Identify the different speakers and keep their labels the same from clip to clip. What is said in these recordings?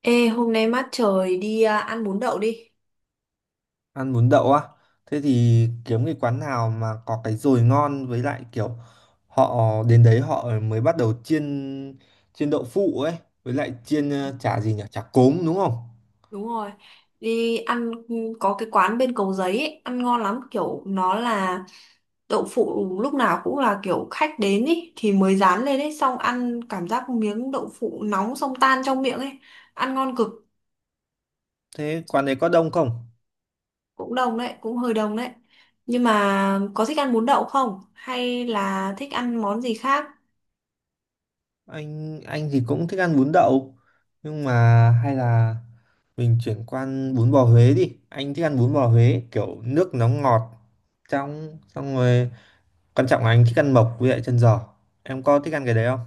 Speaker 1: Ê, hôm nay mát trời đi à, ăn bún đậu đi.
Speaker 2: Ăn bún đậu á? Thế thì kiếm cái quán nào mà có cái dồi ngon, với lại kiểu họ đến đấy họ mới bắt đầu chiên chiên đậu phụ ấy, với lại chiên chả gì nhỉ, chả cốm đúng không?
Speaker 1: Đúng rồi. Đi ăn có cái quán bên Cầu Giấy ấy, ăn ngon lắm, kiểu nó là đậu phụ lúc nào cũng là kiểu khách đến ấy thì mới rán lên ấy, xong ăn cảm giác miếng đậu phụ nóng xong tan trong miệng ấy. Ăn ngon cực,
Speaker 2: Thế quán đấy có đông không?
Speaker 1: cũng đồng đấy, cũng hơi đồng đấy. Nhưng mà có thích ăn bún đậu không? Hay là thích ăn món gì khác?
Speaker 2: Anh thì cũng thích ăn bún đậu, nhưng mà hay là mình chuyển qua ăn bún bò Huế đi. Anh thích ăn bún bò Huế kiểu nước nó ngọt trong. Xong rồi quan trọng là anh thích ăn mộc với lại chân giò. Em có thích ăn cái đấy không?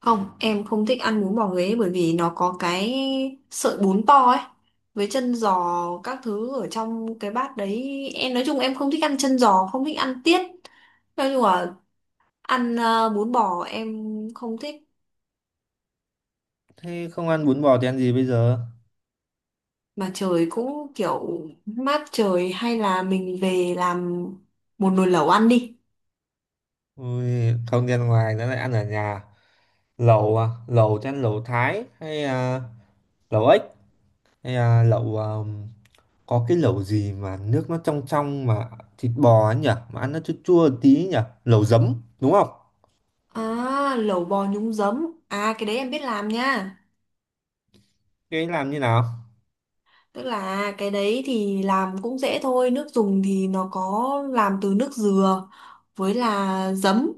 Speaker 1: Không, em không thích ăn bún bò Huế bởi vì nó có cái sợi bún to ấy với chân giò các thứ ở trong cái bát đấy. Em nói chung em không thích ăn chân giò, không thích ăn tiết. Nói chung là ăn bún bò em không thích
Speaker 2: Thế không ăn bún bò thì ăn gì bây giờ?
Speaker 1: mà trời cũng kiểu mát trời hay là mình về làm một nồi lẩu ăn đi.
Speaker 2: Ui, không đi ăn ngoài nữa lại ăn ở nhà lẩu à? Lẩu chắc lẩu Thái hay à, lẩu ếch hay à, lẩu à, có cái lẩu gì mà nước nó trong trong mà thịt bò ấy nhỉ, mà ăn nó chua chua tí nhỉ, lẩu giấm đúng không?
Speaker 1: À, lẩu bò nhúng giấm. À cái đấy em biết làm nha.
Speaker 2: Cái ấy làm như nào?
Speaker 1: Tức là cái đấy thì làm cũng dễ thôi, nước dùng thì nó có làm từ nước dừa với là giấm,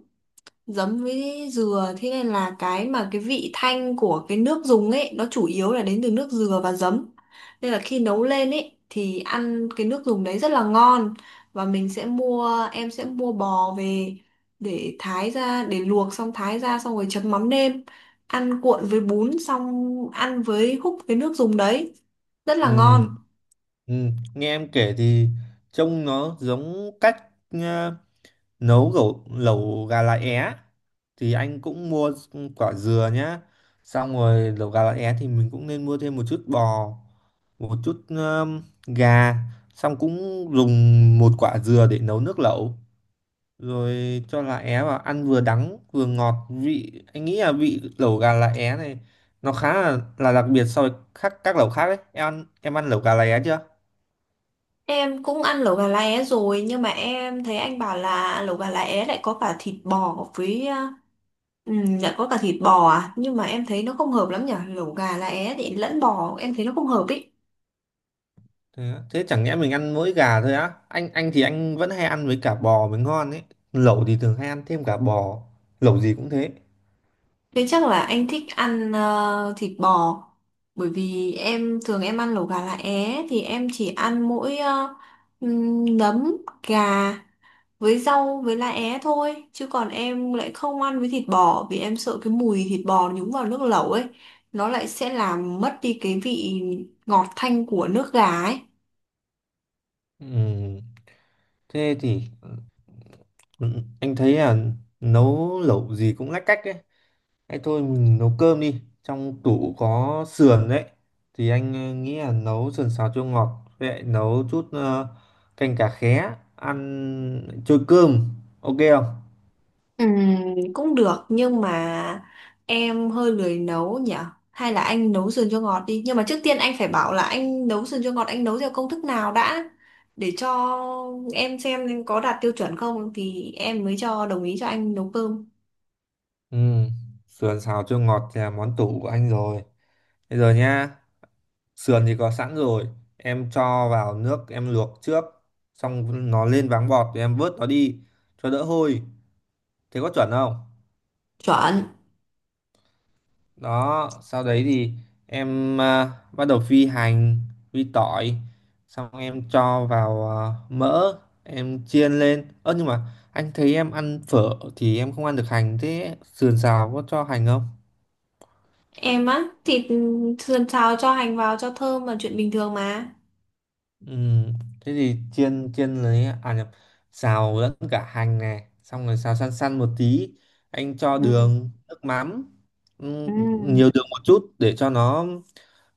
Speaker 1: giấm với dừa thế nên là cái mà cái vị thanh của cái nước dùng ấy nó chủ yếu là đến từ nước dừa và giấm. Nên là khi nấu lên ấy thì ăn cái nước dùng đấy rất là ngon và mình sẽ mua em sẽ mua bò về để thái ra để luộc xong thái ra xong rồi chấm mắm nêm, ăn cuộn với bún xong ăn với húp cái nước dùng đấy rất là
Speaker 2: Ừ,
Speaker 1: ngon.
Speaker 2: ừ. Nghe em kể thì trông nó giống cách à, nấu lẩu lẩu gà lá é thì anh cũng mua quả dừa nhá. Xong rồi lẩu gà lá é thì mình cũng nên mua thêm một chút bò, một chút gà. Xong cũng dùng một quả dừa để nấu nước lẩu, rồi cho lá é vào, ăn vừa đắng vừa ngọt vị. Anh nghĩ là vị lẩu gà lá é này nó khá là đặc biệt so với các lẩu khác đấy. Em ăn lẩu gà lá é chưa?
Speaker 1: Em cũng ăn lẩu gà lá é rồi nhưng mà em thấy anh bảo là lẩu gà lá é lại có cả thịt bò với lại có cả thịt bò à nhưng mà em thấy nó không hợp lắm nhở, lẩu gà lá é thì lẫn bò em thấy nó không hợp ý.
Speaker 2: Thế chẳng nhẽ mình ăn mỗi gà thôi á? Anh vẫn hay ăn với cả bò mới ngon ấy. Lẩu thì thường hay ăn thêm cả bò, lẩu gì cũng thế.
Speaker 1: Thế chắc là anh thích ăn thịt bò bởi vì em thường em ăn lẩu gà lá é thì em chỉ ăn mỗi nấm gà với rau với lá é thôi, chứ còn em lại không ăn với thịt bò vì em sợ cái mùi thịt bò nhúng vào nước lẩu ấy nó lại sẽ làm mất đi cái vị ngọt thanh của nước gà ấy.
Speaker 2: Ừm, thế thì ừ, anh thấy là nấu lẩu gì cũng lách cách ấy. Thế thôi mình nấu cơm đi. Trong tủ có sườn đấy. Thì anh nghĩ là nấu sườn xào chua ngọt, với lại nấu chút canh cá khé ăn trôi cơm. Ok không?
Speaker 1: Cũng được nhưng mà em hơi lười nấu nhỉ, hay là anh nấu sườn cho ngọt đi, nhưng mà trước tiên anh phải bảo là anh nấu sườn cho ngọt anh nấu theo công thức nào đã để cho em xem có đạt tiêu chuẩn không thì em mới cho đồng ý cho anh nấu cơm.
Speaker 2: Ừ. Sườn xào chua ngọt thì là món tủ của anh rồi. Bây giờ nhá. Sườn thì có sẵn rồi. Em cho vào nước em luộc trước. Xong nó lên váng bọt thì em vớt nó đi, cho đỡ hôi. Thế có chuẩn không?
Speaker 1: Chuẩn.
Speaker 2: Đó, sau đấy thì em bắt đầu phi hành, phi tỏi. Xong em cho vào mỡ, em chiên lên. Ơ nhưng mà anh thấy em ăn phở thì em không ăn được hành, thế sườn xào có cho hành không?
Speaker 1: Em á, thịt sườn xào cho hành vào cho thơm là chuyện bình thường mà.
Speaker 2: Ừ, thế thì chiên chiên lấy à nhập, xào lẫn cả hành này, xong rồi xào săn săn một tí. Anh cho
Speaker 1: Ừ.
Speaker 2: đường nước mắm. ừ.
Speaker 1: Ừ.
Speaker 2: Nhiều đường một chút để cho nó,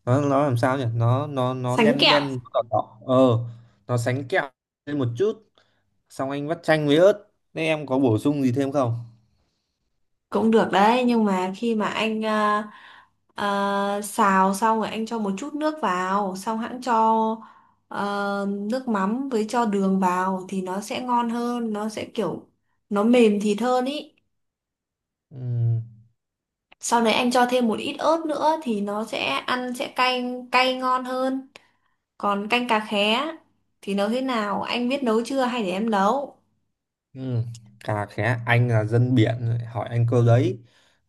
Speaker 2: nó làm sao nhỉ, nó
Speaker 1: Sánh
Speaker 2: đen
Speaker 1: kẹo.
Speaker 2: đen đỏ đỏ nó sánh kẹo lên một chút. Xong anh vắt chanh với ớt. Thế em có bổ sung gì thêm không?
Speaker 1: Cũng được đấy, nhưng mà khi mà anh xào xong rồi anh cho một chút nước vào, xong hãng cho nước mắm với cho đường vào thì nó sẽ ngon hơn, nó sẽ kiểu nó mềm thịt hơn ý.
Speaker 2: Ừ.
Speaker 1: Sau đấy anh cho thêm một ít ớt nữa thì nó sẽ ăn sẽ cay cay ngon hơn. Còn canh cà khé thì nấu thế nào? Anh biết nấu chưa hay để em nấu?
Speaker 2: Ừ. Cà khé anh là dân biển lại hỏi anh câu đấy.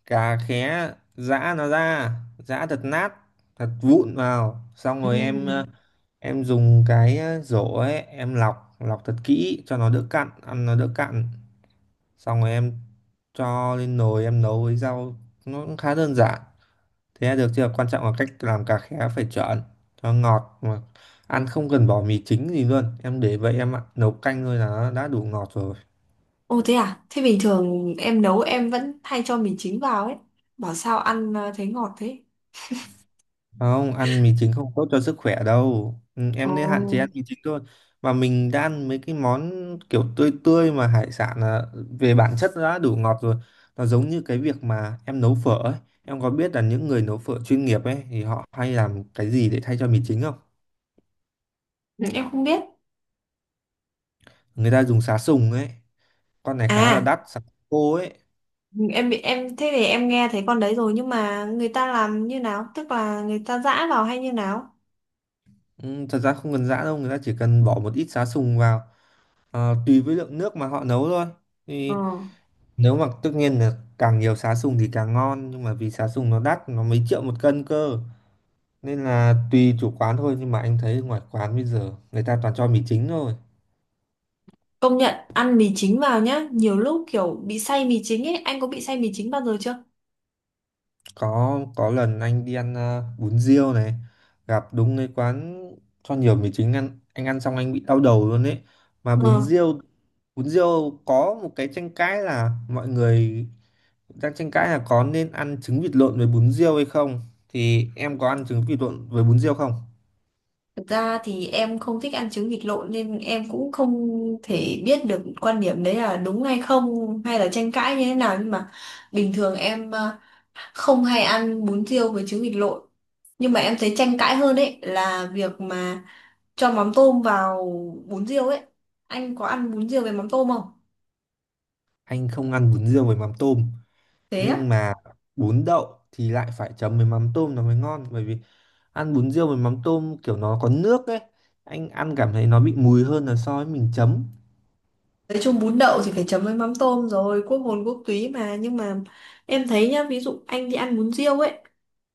Speaker 2: Cà khé giã nó ra, giã thật nát, thật vụn vào. Xong
Speaker 1: Ừ.
Speaker 2: rồi em dùng cái rổ ấy, em lọc lọc thật kỹ cho nó đỡ cặn, ăn nó đỡ cặn. Xong rồi em cho lên nồi em nấu với rau, nó cũng khá đơn giản. Thế là được chưa? Quan trọng là cách làm cà khé phải chuẩn cho ngọt, mà ăn không cần bỏ mì chính gì luôn, em để vậy em ạ. Nấu canh thôi là nó đã đủ ngọt rồi.
Speaker 1: Ồ thế à? Thế bình thường em nấu em vẫn hay cho mì chính vào ấy. Bảo sao ăn thấy ngọt thế?
Speaker 2: Không ăn mì chính không tốt cho sức khỏe đâu. Ừ,
Speaker 1: Ồ,
Speaker 2: em nên hạn chế ăn mì chính thôi. Mà mình đã ăn mấy cái món kiểu tươi tươi mà hải sản là về bản chất nó đã đủ ngọt rồi. Nó giống như cái việc mà em nấu phở ấy. Em có biết là những người nấu phở chuyên nghiệp ấy thì họ hay làm cái gì để thay cho mì chính không?
Speaker 1: ừ, em không biết.
Speaker 2: Người ta dùng sá sùng ấy, con này khá là
Speaker 1: À,
Speaker 2: đắt. Sá khô ấy.
Speaker 1: em bị em thế thì em nghe thấy con đấy rồi nhưng mà người ta làm như nào? Tức là người ta giã vào hay như nào?
Speaker 2: Ừ, thật ra không cần giã đâu, người ta chỉ cần bỏ một ít sá sùng vào, tùy với lượng nước mà họ nấu thôi.
Speaker 1: Ờ.
Speaker 2: Thì nếu mà tất nhiên là càng nhiều sá sùng thì càng ngon, nhưng mà vì sá sùng nó đắt, nó mấy triệu một cân cơ, nên là tùy chủ quán thôi. Nhưng mà anh thấy ngoài quán bây giờ người ta toàn cho mì chính thôi.
Speaker 1: Công nhận ăn mì chính vào nhá, nhiều lúc kiểu bị say mì chính ấy, anh có bị say mì chính bao giờ chưa?
Speaker 2: Có lần anh đi ăn bún riêu này, gặp đúng cái quán cho nhiều mì chính, ăn anh ăn xong anh bị đau đầu luôn ấy. Mà bún
Speaker 1: Ờ.
Speaker 2: riêu bún riêu có một cái tranh cãi là mọi người đang tranh cãi là có nên ăn trứng vịt lộn với bún riêu hay không. Thì em có ăn trứng vịt lộn với bún riêu không?
Speaker 1: Thực ra thì em không thích ăn trứng vịt lộn nên em cũng không thể biết được quan điểm đấy là đúng hay không hay là tranh cãi như thế nào, nhưng mà bình thường em không hay ăn bún riêu với trứng vịt lộn, nhưng mà em thấy tranh cãi hơn ấy là việc mà cho mắm tôm vào bún riêu ấy, anh có ăn bún riêu với mắm tôm không?
Speaker 2: Anh không ăn bún riêu với mắm tôm.
Speaker 1: Thế á.
Speaker 2: Nhưng mà bún đậu thì lại phải chấm với mắm tôm nó mới ngon, bởi vì ăn bún riêu với mắm tôm kiểu nó có nước ấy, anh ăn cảm thấy nó bị mùi hơn là so với mình chấm.
Speaker 1: Nói chung bún đậu thì phải chấm với mắm tôm rồi, quốc hồn quốc túy mà. Nhưng mà em thấy nhá, ví dụ anh đi ăn bún riêu ấy,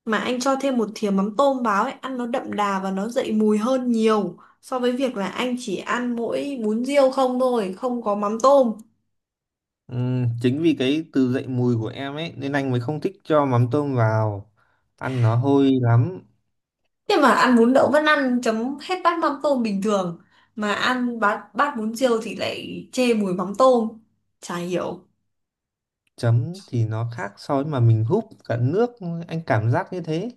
Speaker 1: mà anh cho thêm một thìa mắm tôm vào ấy, ăn nó đậm đà và nó dậy mùi hơn nhiều so với việc là anh chỉ ăn mỗi bún riêu không thôi, không có mắm tôm.
Speaker 2: Chính vì cái từ dậy mùi của em ấy nên anh mới không thích cho mắm tôm vào, ăn nó hôi lắm.
Speaker 1: Nhưng mà ăn bún đậu vẫn ăn chấm hết bát mắm tôm bình thường, mà ăn bát bún riêu thì lại chê mùi mắm tôm. Chả hiểu,
Speaker 2: Chấm thì nó khác so với mà mình húp cả nước, anh cảm giác như thế.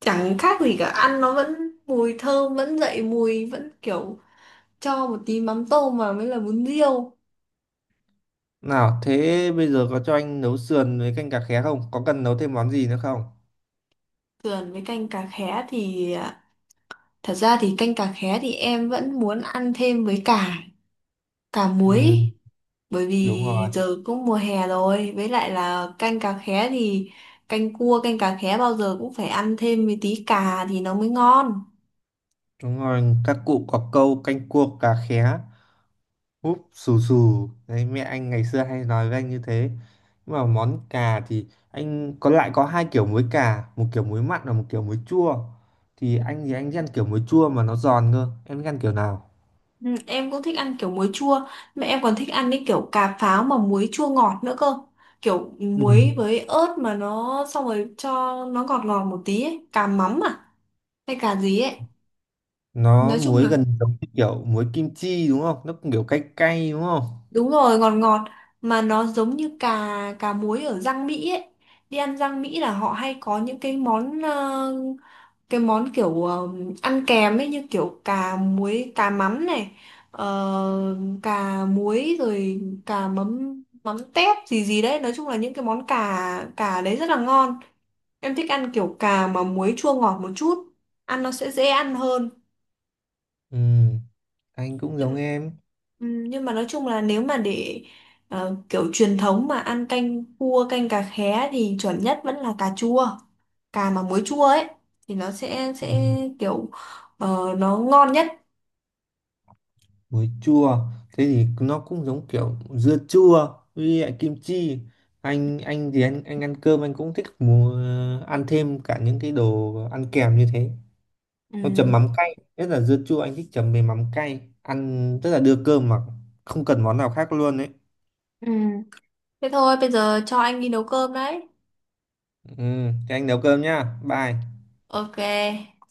Speaker 1: chẳng khác gì cả, ăn nó vẫn mùi thơm, vẫn dậy mùi, vẫn kiểu cho một tí mắm tôm vào mới là bún riêu.
Speaker 2: Nào, thế bây giờ có cho anh nấu sườn với canh cà khé không, có cần nấu thêm món gì nữa không?
Speaker 1: Sườn với canh cà khé thì à, thật ra thì canh cà khé thì em vẫn muốn ăn thêm với cả cả muối
Speaker 2: Ừm,
Speaker 1: ý. Bởi
Speaker 2: đúng
Speaker 1: vì
Speaker 2: rồi.
Speaker 1: giờ cũng mùa hè rồi với lại là canh cà khé thì canh cua canh cà khé bao giờ cũng phải ăn thêm với tí cà thì nó mới ngon.
Speaker 2: Đúng rồi, các cụ có câu canh cua cá khé, úp xù xù. Đấy, mẹ anh ngày xưa hay nói với anh như thế. Nhưng mà món cà thì anh lại có hai kiểu muối cà, một kiểu muối mặn và một kiểu muối chua. Thì anh thích ăn kiểu muối chua mà nó giòn cơ. Em thích ăn kiểu nào?
Speaker 1: Ừ, em cũng thích ăn kiểu muối chua, mà em còn thích ăn cái kiểu cà pháo mà muối chua ngọt nữa cơ, kiểu
Speaker 2: Ừ.
Speaker 1: muối với ớt mà nó xong rồi cho nó ngọt ngọt một tí ấy. Cà mắm à hay cà gì ấy.
Speaker 2: Nó
Speaker 1: Nói chung
Speaker 2: muối
Speaker 1: là
Speaker 2: gần giống như kiểu muối kim chi đúng không? Nó cũng kiểu cay cay đúng không?
Speaker 1: đúng rồi ngọt ngọt, mà nó giống như cà cà muối ở rang Mỹ ấy, đi ăn rang Mỹ là họ hay có những cái món cái món kiểu ăn kèm ấy, như kiểu cà muối cà mắm này, ờ, cà muối rồi cà mắm mắm tép gì gì đấy, nói chung là những cái món cà cà đấy rất là ngon. Em thích ăn kiểu cà mà muối chua ngọt một chút, ăn nó sẽ dễ ăn hơn.
Speaker 2: Ừ, anh cũng
Speaker 1: Nhưng
Speaker 2: giống em.
Speaker 1: nhưng mà nói chung là nếu mà để kiểu truyền thống mà ăn canh cua canh cà khé thì chuẩn nhất vẫn là cà chua, cà mà muối chua ấy thì nó sẽ
Speaker 2: Ừ.
Speaker 1: sẽ kiểu nó ngon nhất.
Speaker 2: Muối chua thế thì nó cũng giống kiểu dưa chua với lại kim chi. Anh thì anh ăn cơm, anh cũng thích ăn thêm cả những cái đồ ăn kèm như thế. Nó chấm
Speaker 1: Ừm,
Speaker 2: mắm cay, nhất là dưa chua anh thích chấm với mắm cay ăn, tức là đưa cơm mà không cần món nào khác luôn đấy.
Speaker 1: ừm. Thế thôi bây giờ cho anh đi nấu cơm đấy.
Speaker 2: Ừ, thế anh nấu cơm nhá. Bye.
Speaker 1: OK.